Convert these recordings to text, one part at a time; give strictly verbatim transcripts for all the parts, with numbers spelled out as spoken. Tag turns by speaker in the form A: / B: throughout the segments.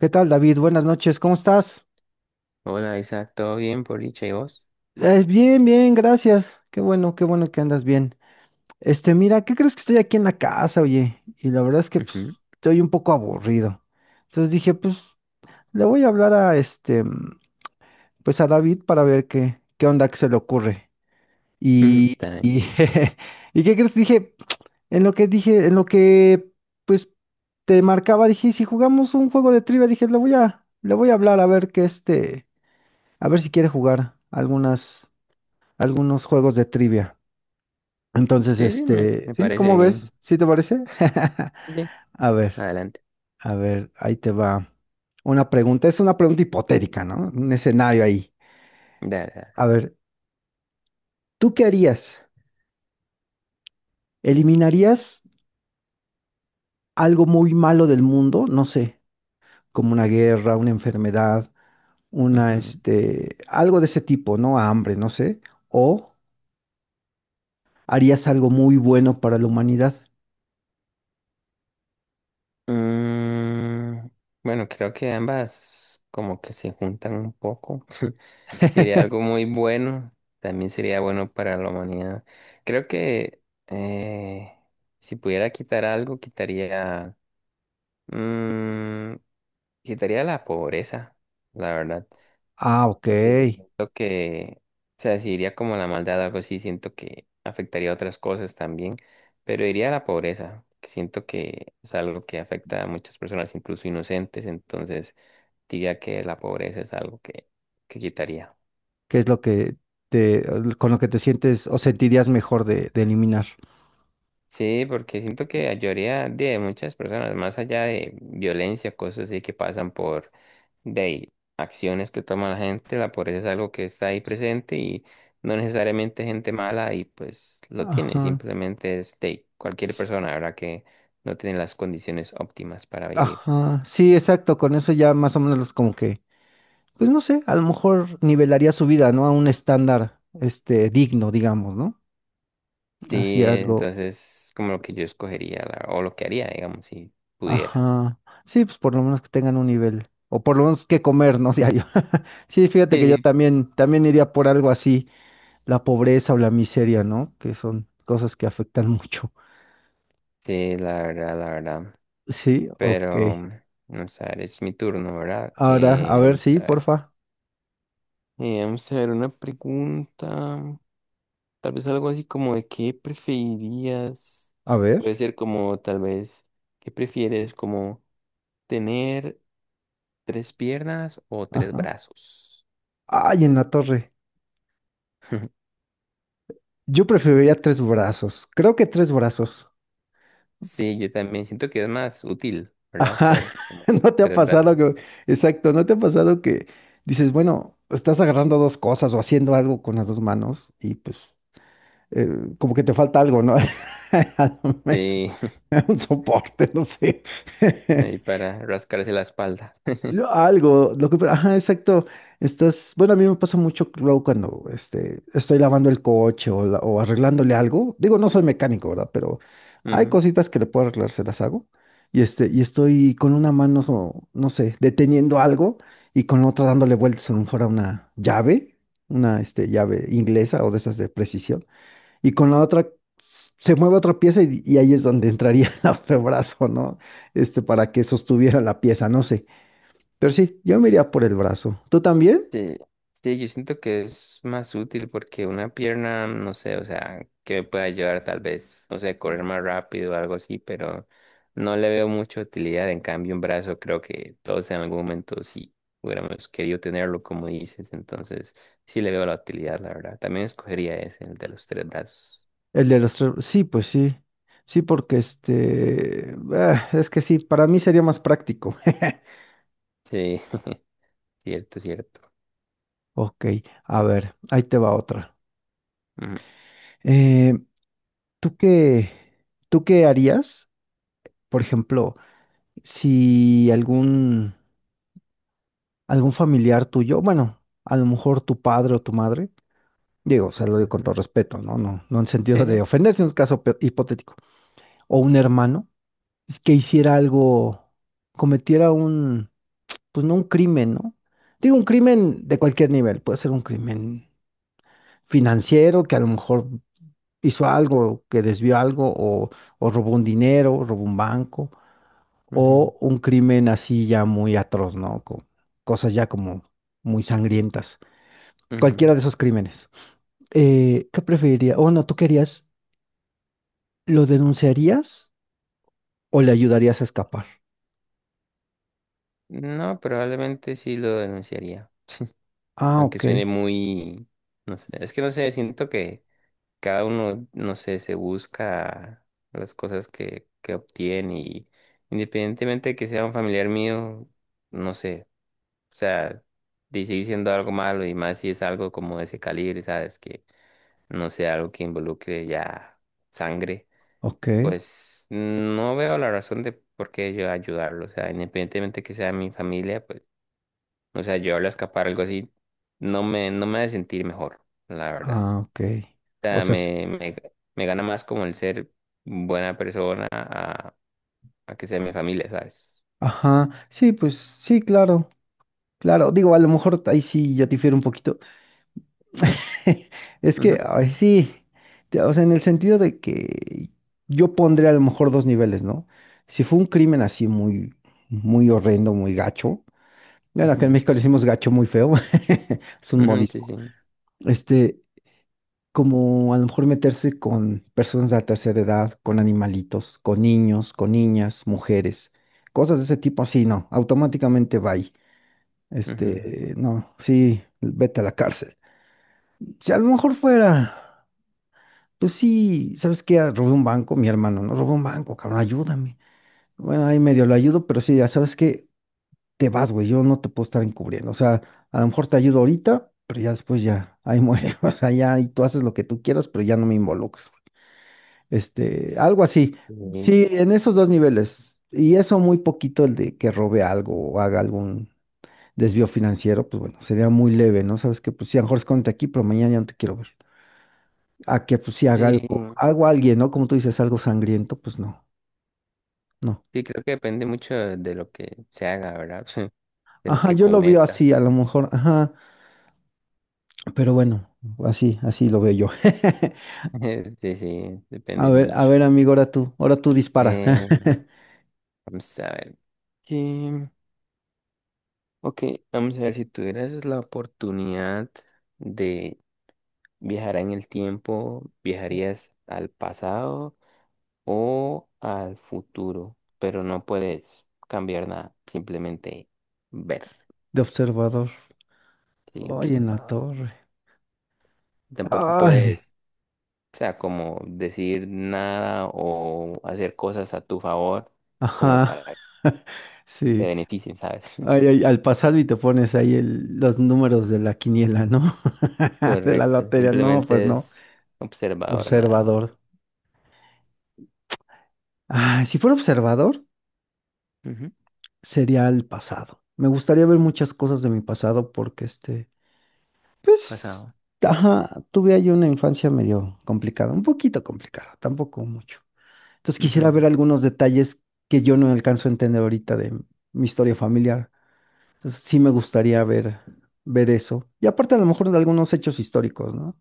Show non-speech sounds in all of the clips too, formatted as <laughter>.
A: ¿Qué tal, David? Buenas noches, ¿cómo estás?
B: Hola Isa, ¿todo bien por dicha y vos?
A: Eh, bien, bien, gracias. Qué bueno, qué bueno que andas bien. Este, mira, ¿qué crees? Que estoy aquí en la casa, oye. Y la verdad es que pues,
B: Ujú,
A: estoy un poco aburrido. Entonces dije, pues, le voy a hablar a este, mm, pues a David, para ver qué, qué onda, que se le ocurre.
B: ujú,
A: Y,
B: está bien.
A: y, <laughs> ¿Y qué crees? Dije, en lo que dije, en lo que, pues, te marcaba, dije, "¿Y si jugamos un juego de trivia?". Dije, le voy a, le voy a hablar a ver qué este, a ver si quiere jugar algunas. Algunos juegos de trivia. Entonces,
B: Sí, sí, me,
A: este,
B: me
A: ¿sí?
B: parece
A: ¿Cómo ves?
B: bien.
A: ¿Sí te parece? <laughs>
B: Sí, sí.
A: A ver,
B: Adelante.
A: a ver, ahí te va una pregunta. Es una pregunta hipotética, ¿no? Un escenario ahí.
B: Dale, dale.
A: A ver, ¿tú qué harías? ¿Eliminarías algo muy malo del mundo? No sé, como una guerra, una enfermedad, una,
B: Ujú.
A: este, algo de ese tipo, ¿no? Hambre, no sé. ¿O harías algo muy bueno para la humanidad?
B: Mm, bueno, creo que ambas como que se juntan un poco. <laughs> Sería algo
A: <laughs>
B: muy bueno. También sería bueno para la humanidad. Creo que eh, si pudiera quitar algo, quitaría, mm, quitaría la pobreza, la verdad.
A: Ah, ok.
B: Porque siento que, o sea, si iría como a la maldad o algo así, siento que afectaría a otras cosas también, pero iría a la pobreza, que siento que es algo que afecta a muchas personas, incluso inocentes, entonces diría que la pobreza es algo que, que quitaría.
A: ¿Qué es lo que te, con lo que te sientes o sentirías mejor de, de eliminar?
B: Sí, porque siento que ayudaría de muchas personas, más allá de violencia, cosas así que pasan por de ahí, acciones que toma la gente, la pobreza es algo que está ahí presente y no necesariamente gente mala y pues lo tiene,
A: Ajá.
B: simplemente es de ahí, cualquier
A: s-
B: persona, ¿verdad? Que no tiene las condiciones óptimas para vivir.
A: Ajá. Sí, exacto. Con eso ya más o menos como que, pues no sé, a lo mejor nivelaría su vida, ¿no? A un estándar, este, digno, digamos, ¿no? Así
B: Sí,
A: algo.
B: entonces como lo que yo escogería la- o lo que haría, digamos, si pudiera.
A: Ajá. Sí, pues por lo menos que tengan un nivel. O por lo menos que comer, ¿no? <laughs> Diario. <laughs> Sí, fíjate
B: Sí,
A: que yo
B: sí,
A: también, también iría por algo así, la pobreza o la miseria, ¿no? Que son cosas que afectan <laughs> mucho.
B: sí, la verdad, la verdad.
A: Sí, ok.
B: Pero, mm, vamos a ver, es mi turno, ¿verdad?
A: Ahora, a
B: Eh,
A: ver,
B: vamos
A: sí,
B: a ver.
A: porfa.
B: Eh, vamos a ver una pregunta. Tal vez algo así como de qué preferirías.
A: A
B: Puede
A: ver.
B: ser como tal vez, ¿qué prefieres? Como tener tres piernas o tres
A: Ajá.
B: brazos.
A: Ay, en la torre.
B: <laughs>
A: Yo preferiría tres brazos. Creo que tres brazos.
B: Sí, yo también siento que es más útil, ¿verdad?
A: Ajá.
B: ¿Sabes?
A: <laughs>
B: Como
A: ¿No te ha
B: tres
A: pasado
B: brazos.
A: que... Exacto, ¿no te ha pasado que dices, bueno, estás agarrando dos cosas o haciendo algo con las dos manos y pues eh, como que te falta algo, ¿no? <laughs> A lo mejor,
B: Sí,
A: <laughs> un soporte, no sé.
B: <laughs> ahí
A: <laughs>
B: para rascarse la espalda. <laughs>
A: Yo algo, lo que, ajá, exacto. Estás, bueno, a mí me pasa mucho luego cuando este, estoy lavando el coche, o, la- o arreglándole algo. Digo, no soy mecánico, ¿verdad? Pero hay
B: Ujú.
A: cositas que le puedo arreglar, se las hago. Y este, y estoy con una mano, so- no sé, deteniendo algo y con la otra dándole vueltas a lo mejor a una llave, una este, llave inglesa o de esas de precisión. Y con la otra s- se mueve otra pieza y, y ahí es donde entraría <laughs> el brazo, ¿no? Este, para que sostuviera la pieza, no sé. Pero sí, yo me iría por el brazo. ¿Tú también?
B: Sí, sí, yo siento que es más útil porque una pierna, no sé, o sea, que me pueda ayudar tal vez, no sé, correr más rápido o algo así, pero no le veo mucha utilidad. En cambio, un brazo creo que todos en algún momento sí hubiéramos querido tenerlo, como dices, entonces sí le veo la utilidad, la verdad. También escogería ese, el de los tres brazos.
A: El de los tres. Sí, pues sí. Sí, porque este. ah, es que sí, para mí sería más práctico. <laughs>
B: Sí, <laughs> cierto, cierto.
A: Ok, a ver, ahí te va otra.
B: Ujú,
A: Eh, ¿tú qué, tú qué harías, por ejemplo, si algún, algún familiar tuyo, bueno, a lo mejor tu padre o tu madre, digo, o sea, lo digo con
B: ujú.
A: todo respeto, ¿no? No, no en
B: Sí,
A: sentido de
B: sí.
A: ofender, sino en un caso pe- hipotético, o un hermano que hiciera algo, cometiera un, pues no un crimen, ¿no? Digo, un crimen de cualquier nivel, puede ser un crimen financiero, que a lo mejor hizo algo, que desvió algo, o, o robó un dinero, robó un banco,
B: Ujú,
A: o un crimen así ya muy atroz, ¿no? Con cosas ya como muy sangrientas.
B: ujú.
A: Cualquiera de esos crímenes. Eh, ¿qué preferiría? O no, ¿tú querías, lo denunciarías o le ayudarías a escapar?
B: No, probablemente sí lo denunciaría.
A: Ah,
B: Aunque
A: ok,
B: suene muy, no sé, es que no sé, siento que cada uno, no sé, se busca las cosas que, que obtiene y independientemente de que sea un familiar mío, no sé, o sea, dice diciendo algo malo y más si es algo como de ese calibre, ¿sabes? Que no sea algo que involucre ya sangre,
A: ok.
B: pues no veo la razón de por qué yo ayudarlo, o sea, independientemente que sea mi familia, pues o sea, yo al escapar, algo así, no me, no me hace sentir mejor, la verdad.
A: Ah, ok.
B: O
A: O
B: sea,
A: sea, s-
B: me, me, me gana más como el ser buena persona a, a que sea mi familia, ¿sabes?
A: ajá, sí, pues sí, claro, claro. Digo, a lo mejor ahí sí yo difiero un poquito. <laughs> Es que,
B: Ujú,
A: ay, sí, te- o sea, en el sentido de que yo pondría a lo mejor dos niveles, ¿no? Si fue un crimen así muy, muy horrendo, muy gacho. Bueno,
B: ujú,
A: acá en México le decimos gacho muy feo, <laughs> es un
B: ujú, sí,
A: modismo.
B: sí.
A: Este, como a lo mejor meterse con personas de la tercera edad, con animalitos, con niños, con niñas, mujeres, cosas de ese tipo, así no, automáticamente va ahí.
B: Ujú.
A: Este, no, sí, vete a la cárcel. Si a lo mejor fuera, pues sí, ¿sabes qué? Ah, robé un banco, mi hermano, no robé un banco, cabrón, ayúdame. Bueno, ahí medio lo ayudo, pero sí, ya sabes que te vas, güey, yo no te puedo estar encubriendo. O sea, a lo mejor te ayudo ahorita, pero ya después ya, ahí muere. <laughs> O sea, ya, y tú haces lo que tú quieras, pero ya no me involucres. Este, algo así.
B: Sí,
A: Sí, en esos dos niveles. Y eso muy poquito el de que robe algo o haga algún desvío financiero, pues bueno, sería muy leve, ¿no? Sabes que pues sí, a lo mejor escóndete aquí, pero mañana ya no te quiero ver. A que pues sí haga
B: sí,
A: algo, algo a alguien, ¿no? Como tú dices, algo sangriento, pues no, no.
B: sí, creo que depende mucho de lo que se haga, ¿verdad? <laughs> De lo
A: Ajá,
B: que
A: yo lo veo
B: cometa.
A: así, a lo mejor, ajá, pero bueno, así, así lo veo yo. <laughs>
B: <laughs> Sí, sí,
A: A
B: depende
A: ver, a
B: mucho.
A: ver, amigo, ahora tú, ahora tú dispara.
B: Eh, vamos a ver. ¿Qué? Ok, vamos a ver si tuvieras la oportunidad de ¿Viajará en el tiempo?
A: <laughs>
B: ¿Viajarías al pasado o al futuro? Pero no puedes cambiar nada, simplemente ver
A: De observador.
B: y
A: Ay, en la
B: observar.
A: torre.
B: Tampoco
A: Ay.
B: puedes, o sea, como decir nada o hacer cosas a tu favor como
A: Ajá,
B: para que
A: <laughs>
B: te
A: sí.
B: beneficien, ¿sabes?
A: Ay,
B: <laughs>
A: ay, al pasado y te pones ahí el- los números de la quiniela, ¿no? <laughs> De la
B: Correcto,
A: lotería, no, pues
B: simplemente
A: no.
B: es observador nada más.
A: Observador. Ah, si fuera observador,
B: Ujú.
A: sería el pasado. Me gustaría ver muchas cosas de mi pasado porque este, pues,
B: Pasado.
A: ajá, tuve ahí una infancia medio complicada, un poquito complicada, tampoco mucho. Entonces quisiera ver
B: Ujú,
A: algunos detalles que yo no alcanzo a entender ahorita de mi historia familiar. Entonces, sí me gustaría ver, ver eso. Y aparte a lo mejor de algunos hechos históricos, ¿no?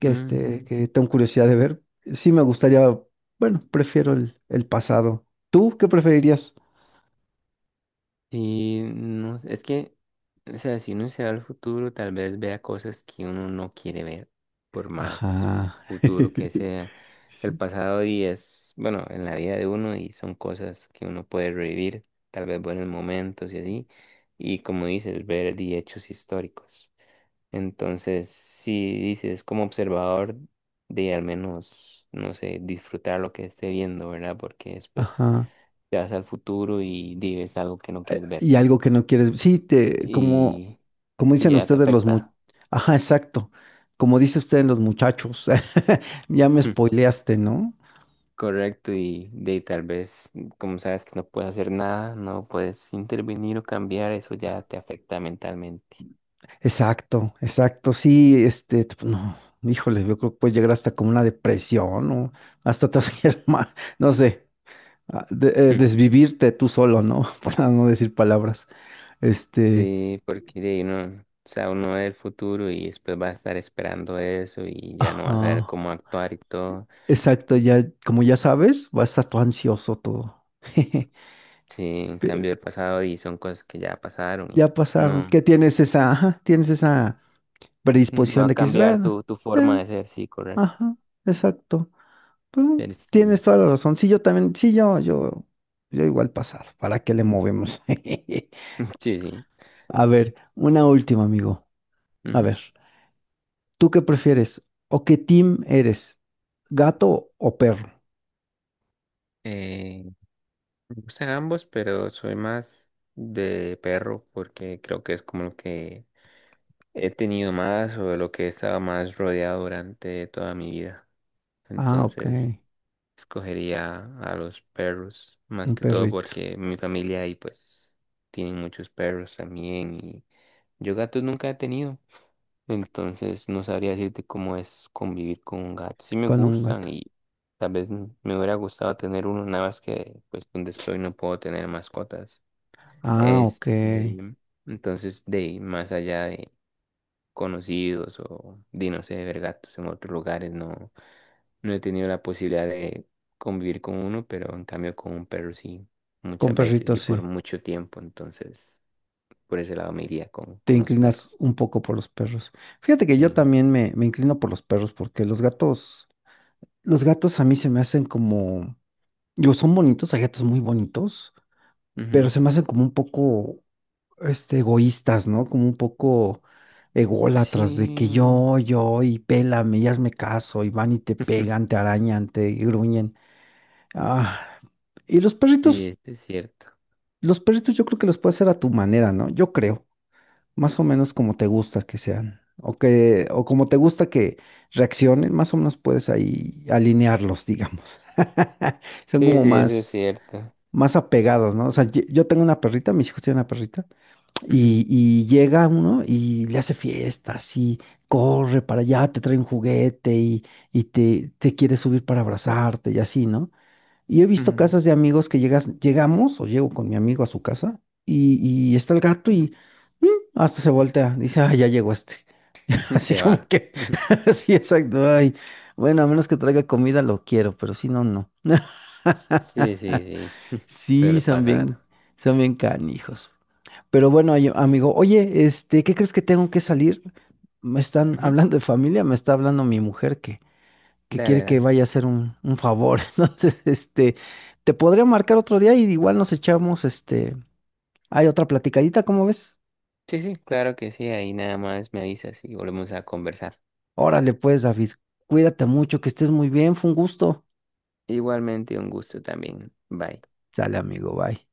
A: Que, este,
B: ujú.
A: que tengo curiosidad de ver. Sí me gustaría, bueno, prefiero el, el pasado. ¿Tú qué preferirías?
B: Sí, no, es que, o sea, si uno se va al futuro, tal vez vea cosas que uno no quiere ver, por más
A: Ajá.
B: futuro que
A: <laughs>
B: sea. El
A: Sí.
B: pasado y es, bueno, en la vida de uno y son cosas que uno puede revivir, tal vez buenos momentos y así. Y como dices, ver di hechos históricos. Entonces, si dices como observador de al menos, no sé, disfrutar lo que esté viendo, ¿verdad? Porque después
A: Ajá.
B: te vas al futuro y dices algo que no quieres ver
A: Y algo que no quieres. Sí, te, como,
B: y
A: como
B: sí,
A: dicen
B: ya te
A: ustedes los mu...
B: afecta.
A: Ajá, exacto. Como dice usted en los muchachos. <laughs> Ya me
B: Mm,
A: spoileaste, ¿no?
B: Correcto, y de ahí tal vez, como sabes que no puedes hacer nada, no puedes intervenir o cambiar, eso ya te afecta mentalmente.
A: Exacto, exacto, sí, este, t- no, híjole, yo creo que puede llegar hasta como una depresión o hasta te hacer <laughs> ma- no sé, a- de- eh,
B: Mm.
A: desvivirte tú solo, ¿no? <laughs> Para no decir palabras. Este,
B: Sí, porque de ahí no, o sea, uno ve el futuro y después va a estar esperando eso y ya no va a saber
A: ajá,
B: cómo actuar y todo.
A: exacto, ya, como ya sabes, vas a estar todo ansioso todo. <laughs>
B: Sí, en
A: Pero
B: cambio el pasado y son cosas que ya pasaron y
A: ya pasaron,
B: no,
A: que tienes esa, ajá, tienes esa
B: no va
A: predisposición
B: a
A: de que es
B: cambiar
A: bueno,
B: tu, tu forma
A: eh,
B: de ser, sí, correcto.
A: ajá, exacto. Mm,
B: Pero
A: tienes
B: sí,
A: toda la razón. Sí, yo también, sí, yo, yo, yo igual pasar. ¿Para qué le movemos? <laughs>
B: <laughs> sí, sí.
A: A ver, una última, amigo. A
B: Ujú.
A: ver, ¿tú qué prefieres? ¿O qué team eres? ¿Gato o perro?
B: Eh, Me gustan ambos, pero soy más de perro porque creo que es como lo que he tenido más o de lo que he estado más rodeado durante toda mi vida.
A: Ah, ok.
B: Entonces, escogería a los perros más
A: Un
B: que todo
A: perrito
B: porque mi familia ahí pues tiene muchos perros también y yo gatos nunca he tenido. Entonces, no sabría decirte cómo es convivir con un gato. Sí me
A: con un
B: gustan
A: gato.
B: y tal vez me hubiera gustado tener uno, nada más que pues donde estoy no puedo tener mascotas.
A: Ah, ok.
B: Este, entonces, de ahí, más allá de conocidos o de, no sé, ver gatos en otros lugares, no, no he tenido la posibilidad de convivir con uno, pero en cambio con un perro sí,
A: Con
B: muchas veces
A: perritos,
B: y
A: sí.
B: por mucho tiempo. Entonces, por ese lado me iría con,
A: Te
B: con los
A: inclinas
B: perros.
A: un poco por los perros. Fíjate que
B: Sí.
A: yo también me, me inclino por los perros porque los gatos, los gatos a mí se me hacen como, digo, son bonitos, hay gatos muy bonitos pero
B: Ujú.
A: se me hacen como un poco este, egoístas, ¿no? Como un poco ególatras de que
B: Sí.
A: yo, yo, y pélame, y hazme caso, y van y te pegan,
B: <laughs>
A: te arañan, te gruñen. Ah, y los
B: Sí,
A: perritos,
B: eso es cierto.
A: los perritos yo creo que los puedes hacer a tu manera, ¿no? Yo creo, más o menos como te gusta que sean, o que, o como te gusta que reaccionen, más o menos puedes ahí alinearlos, digamos. <laughs> Son
B: Sí,
A: como
B: sí, eso es
A: más,
B: cierto.
A: más apegados, ¿no? O sea, ye- yo tengo una perrita, mis hijos tienen una perrita.
B: Ujú,
A: Y, y llega uno y le hace fiestas y corre para allá, te trae un juguete y, y te, te quiere subir para abrazarte y así, ¿no? Y he visto casas de amigos que llegas, llegamos o llego con mi amigo a su casa y, y está el gato y mm, hasta se voltea, dice, ah, ya llegó este. <laughs>
B: ujú. <laughs>
A: Así
B: Se
A: como
B: va.
A: que,
B: <laughs>
A: <laughs> sí, exacto, ay, bueno, a menos que traiga comida lo quiero, pero si no, no. <laughs>
B: Sí, sí, sí. <laughs>
A: Sí,
B: Suele
A: son
B: pasar.
A: bien, son bien canijos. Pero bueno, ay- amigo, oye, este, ¿qué crees? Que tengo que salir. Me están
B: Ujú.
A: hablando de familia, me está hablando mi mujer que, que quiere
B: Dale,
A: que
B: dale.
A: vaya a hacer un, un favor. <laughs> Entonces, este, te podría marcar otro día y igual nos echamos, este, hay otra platicadita, ¿cómo ves?
B: Sí, sí, claro que sí. Ahí nada más me avisas y volvemos a conversar.
A: Órale, pues, David, cuídate mucho, que estés muy bien, fue un gusto.
B: Igualmente, un gusto también. Bye.
A: Sale, amigo, bye.